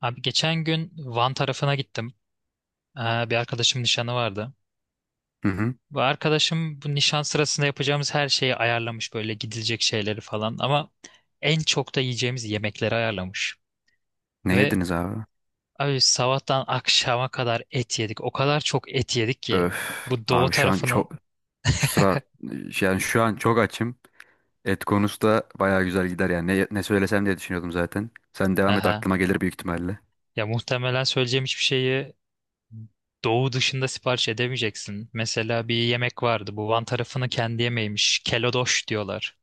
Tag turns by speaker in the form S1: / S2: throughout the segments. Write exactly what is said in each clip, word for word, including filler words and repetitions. S1: Abi geçen gün Van tarafına gittim. Ee, bir arkadaşım nişanı vardı.
S2: Hı hı.
S1: Bu arkadaşım bu nişan sırasında yapacağımız her şeyi ayarlamış böyle gidilecek şeyleri falan ama en çok da yiyeceğimiz yemekleri ayarlamış.
S2: Ne
S1: Ve
S2: yediniz abi?
S1: abi sabahtan akşama kadar et yedik. O kadar çok et yedik ki
S2: Öf.
S1: bu doğu
S2: Abi, şu an
S1: tarafının.
S2: çok şu sıralar yani şu an çok açım. Et konusu da bayağı güzel gider yani. Ne, ne söylesem diye düşünüyordum zaten. Sen devam et,
S1: Aha.
S2: aklıma gelir büyük ihtimalle.
S1: Ya muhtemelen söyleyeceğim hiçbir şeyi doğu dışında sipariş edemeyeceksin. Mesela bir yemek vardı. Bu Van tarafının kendi yemeğiymiş. Kelodoş diyorlar.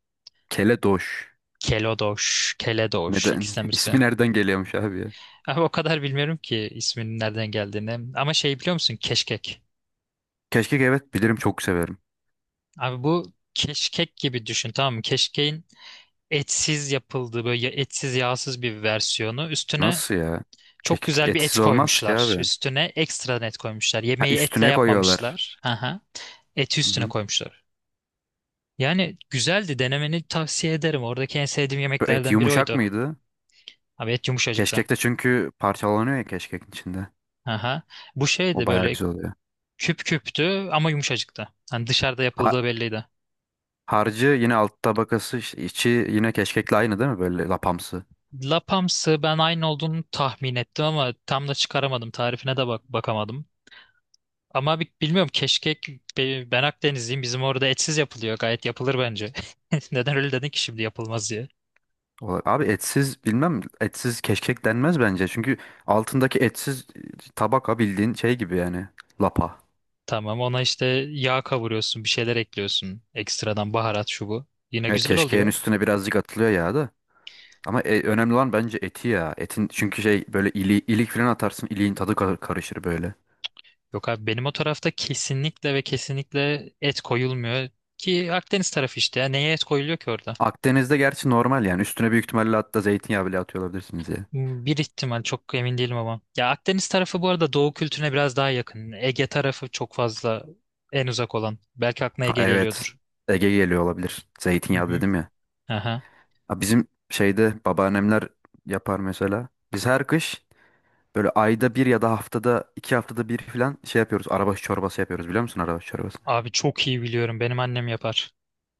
S2: Keledoş.
S1: Kelodoş, Keledoş
S2: Neden?
S1: ikisinden birisi.
S2: İsmi nereden geliyormuş abi ya?
S1: Abi o kadar bilmiyorum ki isminin nereden geldiğini. Ama şey biliyor musun? Keşkek.
S2: Keşkek, evet, bilirim, çok severim.
S1: Abi bu keşkek gibi düşün, tamam mı? Keşkeğin etsiz yapıldığı böyle ya- etsiz yağsız bir versiyonu. Üstüne
S2: Nasıl ya?
S1: çok
S2: Keşkek
S1: güzel bir
S2: etsiz
S1: et
S2: olmaz ki
S1: koymuşlar.
S2: abi.
S1: Üstüne ekstradan et koymuşlar.
S2: Ha,
S1: Yemeği etle
S2: üstüne koyuyorlar.
S1: yapmamışlar. Aha. Eti
S2: Hı
S1: üstüne
S2: hı.
S1: koymuşlar. Yani güzeldi, denemeni tavsiye ederim. Oradaki en sevdiğim
S2: Bu et
S1: yemeklerden biri
S2: yumuşak
S1: oydu.
S2: mıydı?
S1: Abi et yumuşacıktı.
S2: Keşkek de çünkü parçalanıyor ya, keşkekin içinde.
S1: Aha. Bu
S2: O
S1: şeydi
S2: bayağı
S1: böyle.
S2: güzel oluyor.
S1: Küp küptü ama yumuşacıktı. Hani dışarıda yapıldığı belliydi.
S2: Harcı yine, alt tabakası işte içi yine keşkekle aynı değil mi, böyle lapamsı?
S1: Lapamsı, ben aynı olduğunu tahmin ettim ama tam da çıkaramadım. Tarifine de bak bakamadım. Ama bi- bilmiyorum keşkek be- ben Akdenizliyim. Bizim orada etsiz yapılıyor. Gayet yapılır bence. Neden öyle dedin ki şimdi, yapılmaz diye.
S2: Olarak? Abi, etsiz bilmem, etsiz keşkek denmez bence. Çünkü altındaki etsiz e, tabaka bildiğin şey gibi yani, lapa.
S1: Tamam, ona işte yağ kavuruyorsun, bir şeyler ekliyorsun. Ekstradan baharat şu bu. Yine
S2: Evet,
S1: güzel
S2: keşkeğin
S1: oluyor.
S2: üstüne birazcık atılıyor ya da. Ama e, önemli olan bence eti ya. Etin çünkü şey, böyle ili, ilik falan atarsın, iliğin tadı kar- karışır böyle.
S1: Yok abi, benim o tarafta kesinlikle ve kesinlikle et koyulmuyor. Ki Akdeniz tarafı işte ya. Neye et koyuluyor ki orada?
S2: Akdeniz'de gerçi normal yani, üstüne büyük ihtimalle hatta zeytinyağı bile atıyor olabilirsiniz ya.
S1: Hmm, bir ihtimal, çok emin değilim ama. Ya Akdeniz tarafı bu arada Doğu kültürüne biraz daha yakın. Ege tarafı çok fazla en uzak olan. Belki aklına
S2: Ha,
S1: Ege
S2: evet,
S1: geliyordur.
S2: Ege geliyor olabilir.
S1: Hı
S2: Zeytinyağı
S1: hı.
S2: dedim ya.
S1: Aha.
S2: Ha, bizim şeyde babaannemler yapar mesela. Biz her kış böyle ayda bir ya da haftada iki haftada bir falan şey yapıyoruz. Arabaşı çorbası yapıyoruz, biliyor musun arabaşı çorbası?
S1: Abi çok iyi biliyorum. Benim annem yapar.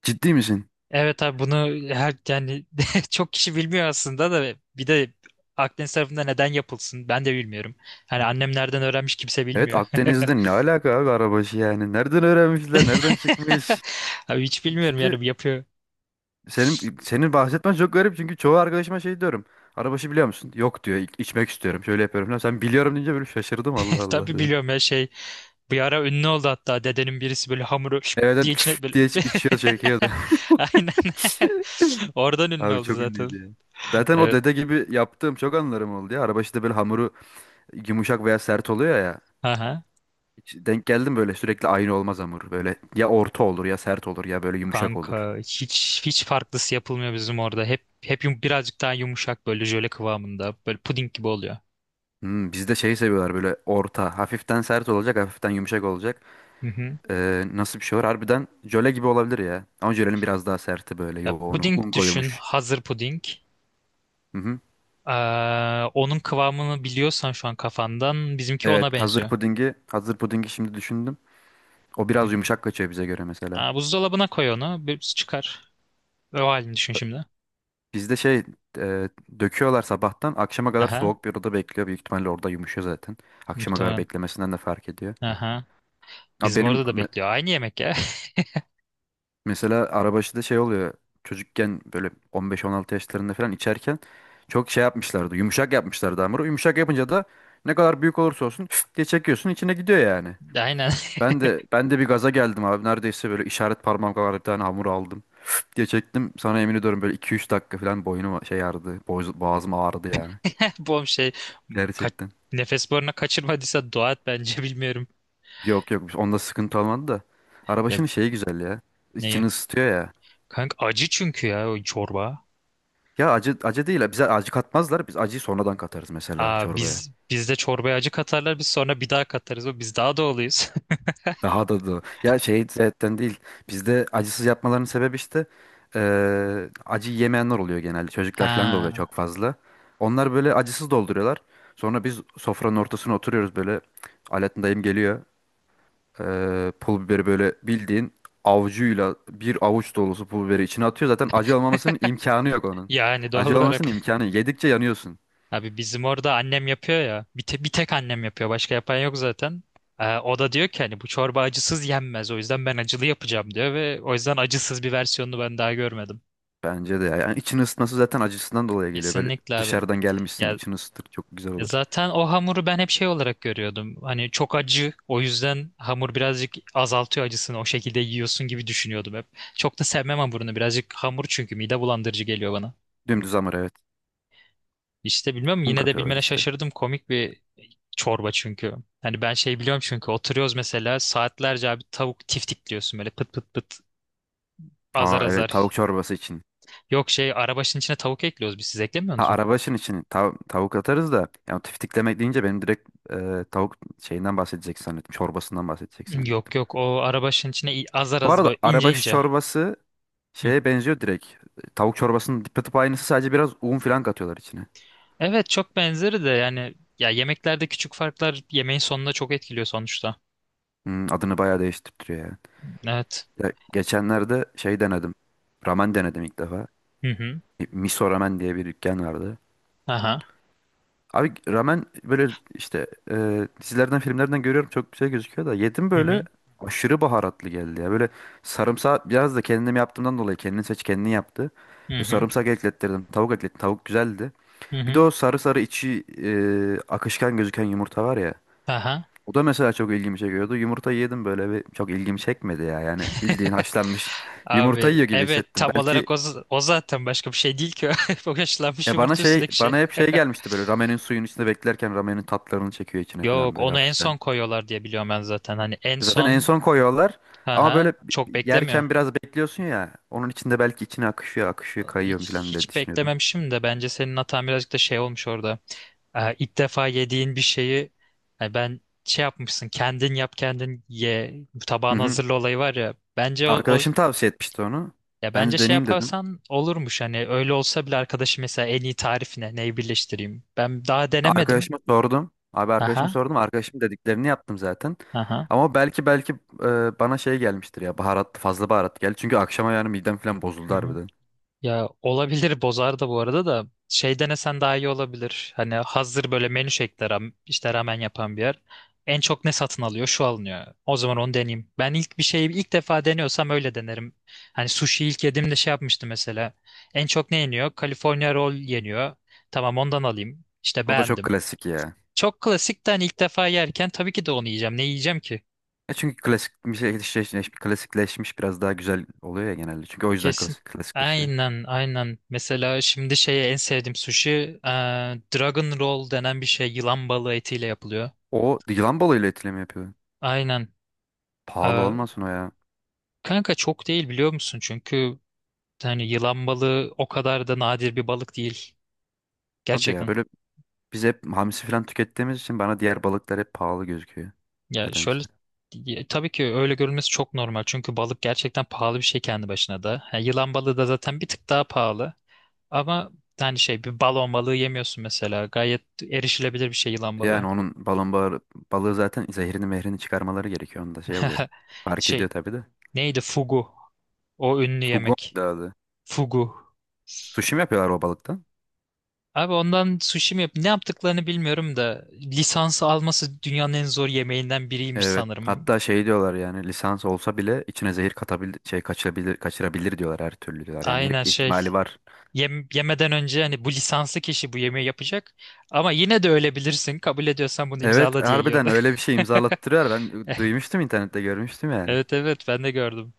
S2: Ciddi misin?
S1: Evet abi, bunu her yani çok kişi bilmiyor aslında, da bir de Akdeniz tarafında neden yapılsın ben de bilmiyorum. Hani annem nereden öğrenmiş kimse
S2: Evet,
S1: bilmiyor.
S2: Akdeniz'de ne alaka abi arabaşı yani? Nereden öğrenmişler? Nereden çıkmış?
S1: Abi hiç bilmiyorum
S2: Çünkü
S1: yani, bu yapıyor.
S2: senin senin bahsetmen çok garip, çünkü çoğu arkadaşıma şey diyorum. Arabaşı biliyor musun? Yok diyor. "İ- içmek istiyorum. Şöyle yapıyorum falan. Sen biliyorum deyince böyle şaşırdım, Allah Allah
S1: Tabii
S2: dedim.
S1: biliyorum ya şey. Bir ara ünlü oldu, hatta dedenin birisi böyle hamuru şıp
S2: Evet,
S1: diye
S2: evet,
S1: içine böyle.
S2: diye iç- içiyor, çekiyor.
S1: Aynen. Oradan ünlü
S2: Abi
S1: oldu
S2: çok
S1: zaten.
S2: ünlüydü ya. Zaten o
S1: Evet.
S2: dede gibi yaptığım çok anılarım oldu ya. Araba işte böyle, hamuru yumuşak veya sert oluyor ya.
S1: Aha.
S2: Hiç denk geldim, böyle sürekli aynı olmaz hamur. Böyle ya orta olur, ya sert olur, ya böyle yumuşak olur.
S1: Kanka hiç hiç farklısı yapılmıyor bizim orada. Hep hep yum- birazcık daha yumuşak böyle jöle kıvamında. Böyle puding gibi oluyor.
S2: Hmm, bizde şeyi seviyorlar, böyle orta. Hafiften sert olacak, hafiften yumuşak olacak.
S1: Hı hı.
S2: Ee, nasıl bir şey var? Harbiden jöle gibi olabilir ya. Ama jölenin biraz daha serti, böyle
S1: Ya,
S2: yoğunu.
S1: puding
S2: Un
S1: düşün.
S2: koyulmuş.
S1: Hazır puding.
S2: Hı hı.
S1: Ee, Onun kıvamını biliyorsan şu an kafandan bizimki
S2: Evet,
S1: ona
S2: hazır
S1: benziyor.
S2: pudingi. Hazır pudingi şimdi düşündüm. O
S1: Hı
S2: biraz
S1: hı.
S2: yumuşak kaçıyor bize göre mesela.
S1: Aa, buzdolabına koy onu. Bir çıkar. O halini düşün şimdi.
S2: Bizde şey e, döküyorlar, sabahtan akşama kadar
S1: Aha.
S2: soğuk bir odada bekliyor. Büyük ihtimalle orada yumuşuyor zaten. Akşama kadar
S1: Muhtemelen.
S2: beklemesinden de fark ediyor.
S1: Aha.
S2: Abi,
S1: Bizim
S2: benim
S1: orada da
S2: me-
S1: bekliyor. Aynı yemek ya.
S2: mesela arabaşıda şey oluyor. Çocukken böyle on beş on altı yaşlarında falan içerken çok şey yapmışlardı. Yumuşak yapmışlardı hamuru. Yumuşak yapınca da ne kadar büyük olursa olsun diye çekiyorsun, içine gidiyor yani.
S1: Aynen.
S2: Ben de ben de bir gaza geldim abi. Neredeyse böyle işaret parmağım kadar bir tane hamur aldım, diye çektim. Sana yemin ediyorum böyle iki üç dakika falan boynum şey ağrıdı, boğaz- boğazım ağrıdı yani.
S1: Bom şey. Ka
S2: Gerçekten.
S1: Nefes boruna kaçırmadıysa dua et bence, bilmiyorum.
S2: Yok, yok, onda sıkıntı olmadı da.
S1: Ya
S2: Arabaşının şeyi güzel ya.
S1: neyi?
S2: İçini ısıtıyor ya.
S1: Kanka acı çünkü ya, o çorba.
S2: Ya acı, acı değil. Bize acı katmazlar. Biz acıyı sonradan katarız, mesela
S1: Aa,
S2: çorbaya.
S1: biz bizde çorbaya acı katarlar, biz sonra bir daha katarız. O, biz daha doğalıyız.
S2: Daha da da. Ya şey zaten değil. Bizde acısız yapmalarının sebebi işte eee acı yemeyenler oluyor genelde. Çocuklar falan da oluyor
S1: Ha.
S2: çok fazla. Onlar böyle acısız dolduruyorlar. Sonra biz sofranın ortasına oturuyoruz böyle. Alaaddin dayım geliyor. Ee, pul biberi böyle, bildiğin avucuyla bir avuç dolusu pul biberi içine atıyor. Zaten acı olmamasının imkanı yok onun.
S1: Yani doğal
S2: Acı
S1: olarak.
S2: olmamasının imkanı. Yok. Yedikçe yanıyorsun.
S1: Abi bizim orada annem yapıyor ya. Bir, te- bir tek annem yapıyor. Başka yapan yok zaten. Ee, o da diyor ki hani bu çorba acısız yenmez. O yüzden ben acılı yapacağım diyor ve o yüzden acısız bir versiyonunu ben daha görmedim.
S2: Bence de ya. Yani için ısıtması zaten acısından dolayı geliyor. Böyle
S1: Kesinlikle abi.
S2: dışarıdan gelmişsin,
S1: Ya
S2: için ısıtır, çok güzel
S1: Ya
S2: olur.
S1: zaten o hamuru ben hep şey olarak görüyordum. Hani çok acı, o yüzden hamur birazcık azaltıyor acısını. O şekilde yiyorsun gibi düşünüyordum hep. Çok da sevmem hamurunu. Birazcık hamur, çünkü mide bulandırıcı geliyor bana.
S2: Dümdüz hamur, evet.
S1: İşte bilmiyorum,
S2: Un
S1: yine de
S2: katıyorlar
S1: bilmene
S2: işte.
S1: şaşırdım. Komik bir çorba çünkü. Hani ben şey biliyorum, çünkü oturuyoruz mesela saatlerce abi, tavuk tiftikliyorsun böyle pıt pıt pıt, azar
S2: Ha, evet, tavuk
S1: azar.
S2: çorbası için.
S1: Yok şey, arabaşın içine tavuk ekliyoruz biz, siz
S2: Ha,
S1: eklemiyorsunuz mu?
S2: araba işin için tav- tavuk atarız da, yani tiftiklemek deyince benim direkt e, tavuk şeyinden bahsedecek zannettim. Çorbasından bahsedecek zannettim.
S1: Yok yok, o arabaşın içine i- azar
S2: Bu
S1: azar böyle
S2: arada
S1: ince
S2: arabaş
S1: ince.
S2: çorbası
S1: Hı.
S2: şeye benziyor direkt. Tavuk çorbasının tıpa tıpa aynısı, sadece biraz un falan katıyorlar içine.
S1: Evet çok benzeri de yani, ya yemeklerde küçük farklar yemeğin sonunda çok etkiliyor sonuçta.
S2: Hmm, adını bayağı değiştiriyor yani.
S1: Evet.
S2: Ya, geçenlerde şey denedim. Ramen denedim ilk defa.
S1: Hı hı.
S2: Miso Ramen diye bir dükkan vardı.
S1: Aha.
S2: Abi ramen böyle işte e, dizilerden, filmlerden görüyorum, çok güzel gözüküyor, da yedim
S1: Hı
S2: böyle
S1: hı.
S2: aşırı baharatlı geldi ya. Böyle sarımsağı biraz da kendim yaptığımdan dolayı kendini seç kendini yaptı.
S1: Hı
S2: Ve
S1: hı.
S2: sarımsak eklettirdim. Tavuk eklettim. Tavuk güzeldi.
S1: Hı
S2: Bir de
S1: hı.
S2: o sarı sarı içi e, akışkan gözüken yumurta var ya.
S1: Aha.
S2: O da mesela çok ilgimi çekiyordu. Yumurtayı yedim böyle, bir çok ilgimi çekmedi ya. Yani bildiğin haşlanmış yumurta yiyor
S1: Abi
S2: gibi
S1: evet,
S2: hissettim.
S1: tam
S2: Belki
S1: olarak o, z- o zaten başka bir şey değil ki. O haşlanmış
S2: e bana
S1: yumurta
S2: şey
S1: üstündeki şey.
S2: bana hep şey gelmişti, böyle ramenin suyun içinde beklerken ramenin tatlarını çekiyor içine falan,
S1: Yok,
S2: böyle
S1: onu en
S2: hafiften.
S1: son koyuyorlar diye biliyorum ben zaten. Hani en
S2: E, zaten en
S1: son,
S2: son koyuyorlar, ama
S1: aha,
S2: böyle bi-
S1: çok beklemiyor.
S2: yerken biraz bekliyorsun ya. Onun içinde belki içine akışıyor akışıyor kayıyor
S1: Hiç,
S2: falan, böyle
S1: hiç
S2: düşünüyordum.
S1: beklememişim de bence senin hatan birazcık da şey olmuş orada. Ee, ilk defa yediğin bir şeyi, yani ben şey, yapmışsın kendin yap kendin ye,
S2: Hı
S1: tabağını
S2: hı.
S1: hazırla olayı var ya, bence o, o-
S2: Arkadaşım tavsiye etmişti onu.
S1: ya
S2: Ben
S1: bence
S2: de
S1: şey
S2: deneyeyim dedim.
S1: yaparsan olurmuş, hani öyle olsa bile arkadaşı mesela en iyi tarif ne, neyi birleştireyim, ben daha denemedim.
S2: Arkadaşıma sordum. Abi, arkadaşıma
S1: Aha.
S2: sordum. Arkadaşım dediklerini yaptım zaten.
S1: Aha.
S2: Ama belki belki e, bana şey gelmiştir ya. Baharat, fazla baharat geldi. Çünkü akşama yani midem falan bozuldu harbiden.
S1: Ya olabilir, bozar da bu arada, da şey denesen daha iyi olabilir. Hani hazır böyle menü şeklinde ram- işte ramen yapan bir yer. En çok ne satın alıyor? Şu alınıyor. O zaman onu deneyeyim. Ben ilk bir şeyi ilk defa deniyorsam öyle denerim. Hani sushi ilk yediğimde şey yapmıştım mesela. En çok ne yeniyor? California roll yeniyor. Tamam, ondan alayım. İşte
S2: O da çok
S1: beğendim.
S2: klasik ya.
S1: Çok klasik de, hani ilk defa yerken tabii ki de onu yiyeceğim. Ne yiyeceğim ki?
S2: E, çünkü klasik bir şey klasikleşmiş, klasikleşmiş biraz daha güzel oluyor ya genelde. Çünkü o yüzden
S1: Kesin.
S2: klasik, klasikleşiyor.
S1: Aynen, aynen. Mesela şimdi şeye en sevdiğim sushi, e, Dragon Roll denen bir şey yılan balığı etiyle yapılıyor.
S2: O yılan balığıyla etli mi yapıyor?
S1: Aynen.
S2: Pahalı
S1: E,
S2: olmasın o ya.
S1: Kanka çok değil, biliyor musun? Çünkü hani yılan balığı o kadar da nadir bir balık değil.
S2: Hadi ya,
S1: Gerçekten.
S2: böyle biz hep hamsi falan tükettiğimiz için bana diğer balıklar hep pahalı gözüküyor.
S1: Ya
S2: Nedense.
S1: şöyle, ya tabii ki öyle görülmesi çok normal. Çünkü balık gerçekten pahalı bir şey kendi başına da. Ha, yılan balığı da zaten bir tık daha pahalı. Ama hani şey, bir balon balığı yemiyorsun mesela. Gayet erişilebilir bir şey yılan
S2: Yani
S1: balığı.
S2: onun balon bağı, balığı zaten zehrini mehrini çıkarmaları gerekiyor. Onda şey oluyor. Fark ediyor
S1: Şey,
S2: tabii de.
S1: neydi, fugu? O ünlü
S2: Fugon
S1: yemek.
S2: da adı.
S1: Fugu.
S2: Sushi mi yapıyorlar o balıktan?
S1: Abi ondan sushi mi yap? Ne yaptıklarını bilmiyorum da, lisansı alması dünyanın en zor yemeğinden biriymiş
S2: Evet.
S1: sanırım.
S2: Hatta şey diyorlar yani, lisans olsa bile içine zehir katabil şey kaçırabilir, kaçırabilir diyorlar, her türlü diyorlar. Yani
S1: Aynen
S2: hep
S1: şey.
S2: ihtimali var.
S1: Yem- yemeden önce hani bu lisanslı kişi bu yemeği yapacak. Ama yine de ölebilirsin. Kabul ediyorsan bunu
S2: Evet,
S1: imzala diye
S2: harbiden
S1: yiyorlar.
S2: öyle bir şey imzalattırıyor. Ben duymuştum, internette görmüştüm yani.
S1: Evet evet, ben de gördüm.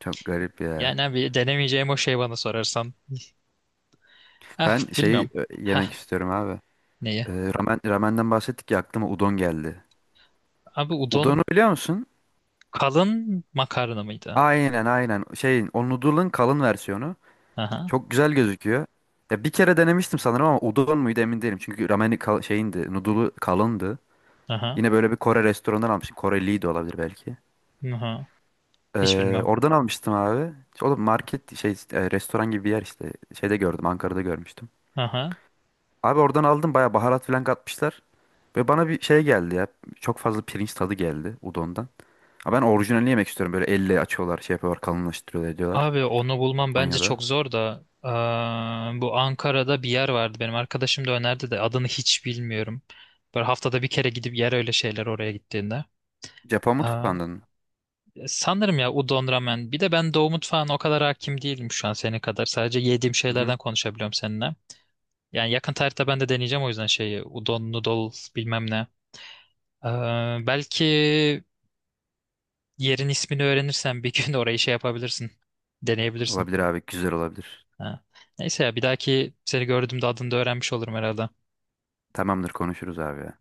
S2: Çok garip ya.
S1: Yani abi denemeyeceğim o şey, bana sorarsan. Ah
S2: Ben şeyi
S1: bilmiyorum.
S2: e, yemek
S1: Hah,
S2: istiyorum abi.
S1: neye?
S2: Ee, ramen, ramenden bahsettik ya, aklıma udon geldi.
S1: Abi udon
S2: Udon'u biliyor musun?
S1: kalın makarna mıydı?
S2: Aynen, aynen. Şeyin o noodle'ın kalın versiyonu.
S1: Aha,
S2: Çok güzel gözüküyor. Ya bir kere denemiştim sanırım, ama udon muydu emin değilim. Çünkü rameni kal şeyindi, noodle'u kalındı.
S1: aha,
S2: Yine böyle bir Kore restoranından almıştım. Koreliydi de olabilir belki.
S1: aha. Hiç
S2: Ee,
S1: bilmem.
S2: oradan almıştım abi. O da market şey e, restoran gibi bir yer işte. Şeyde gördüm, Ankara'da görmüştüm.
S1: Aha.
S2: Abi oradan aldım, bayağı baharat falan katmışlar. Ve bana bir şey geldi ya. Çok fazla pirinç tadı geldi udondan. Ama ben orijinalini yemek istiyorum. Böyle elle açıyorlar, şey yapıyorlar, kalınlaştırıyorlar diyorlar.
S1: Abi onu bulmam bence
S2: Japonya'da.
S1: çok zor da eee, bu Ankara'da bir yer vardı, benim arkadaşım da önerdi de adını hiç bilmiyorum. Böyle haftada bir kere gidip yer öyle şeyler oraya gittiğinde.
S2: Japon
S1: Aa,
S2: mutfağından.
S1: sanırım ya udon ramen. Bir de ben Doğu mutfağına o kadar hakim değilim şu an senin kadar. Sadece yediğim
S2: Hı hı.
S1: şeylerden konuşabiliyorum seninle. Yani yakın tarihte ben de deneyeceğim, o yüzden şeyi udon noodles bilmem ne. Eee, belki yerin ismini öğrenirsen bir gün orayı şey yapabilirsin. Deneyebilirsin.
S2: Olabilir abi, güzel olabilir.
S1: Ha. Neyse ya, bir dahaki seni gördüğümde adını da öğrenmiş olurum herhalde.
S2: Tamamdır, konuşuruz abi ya.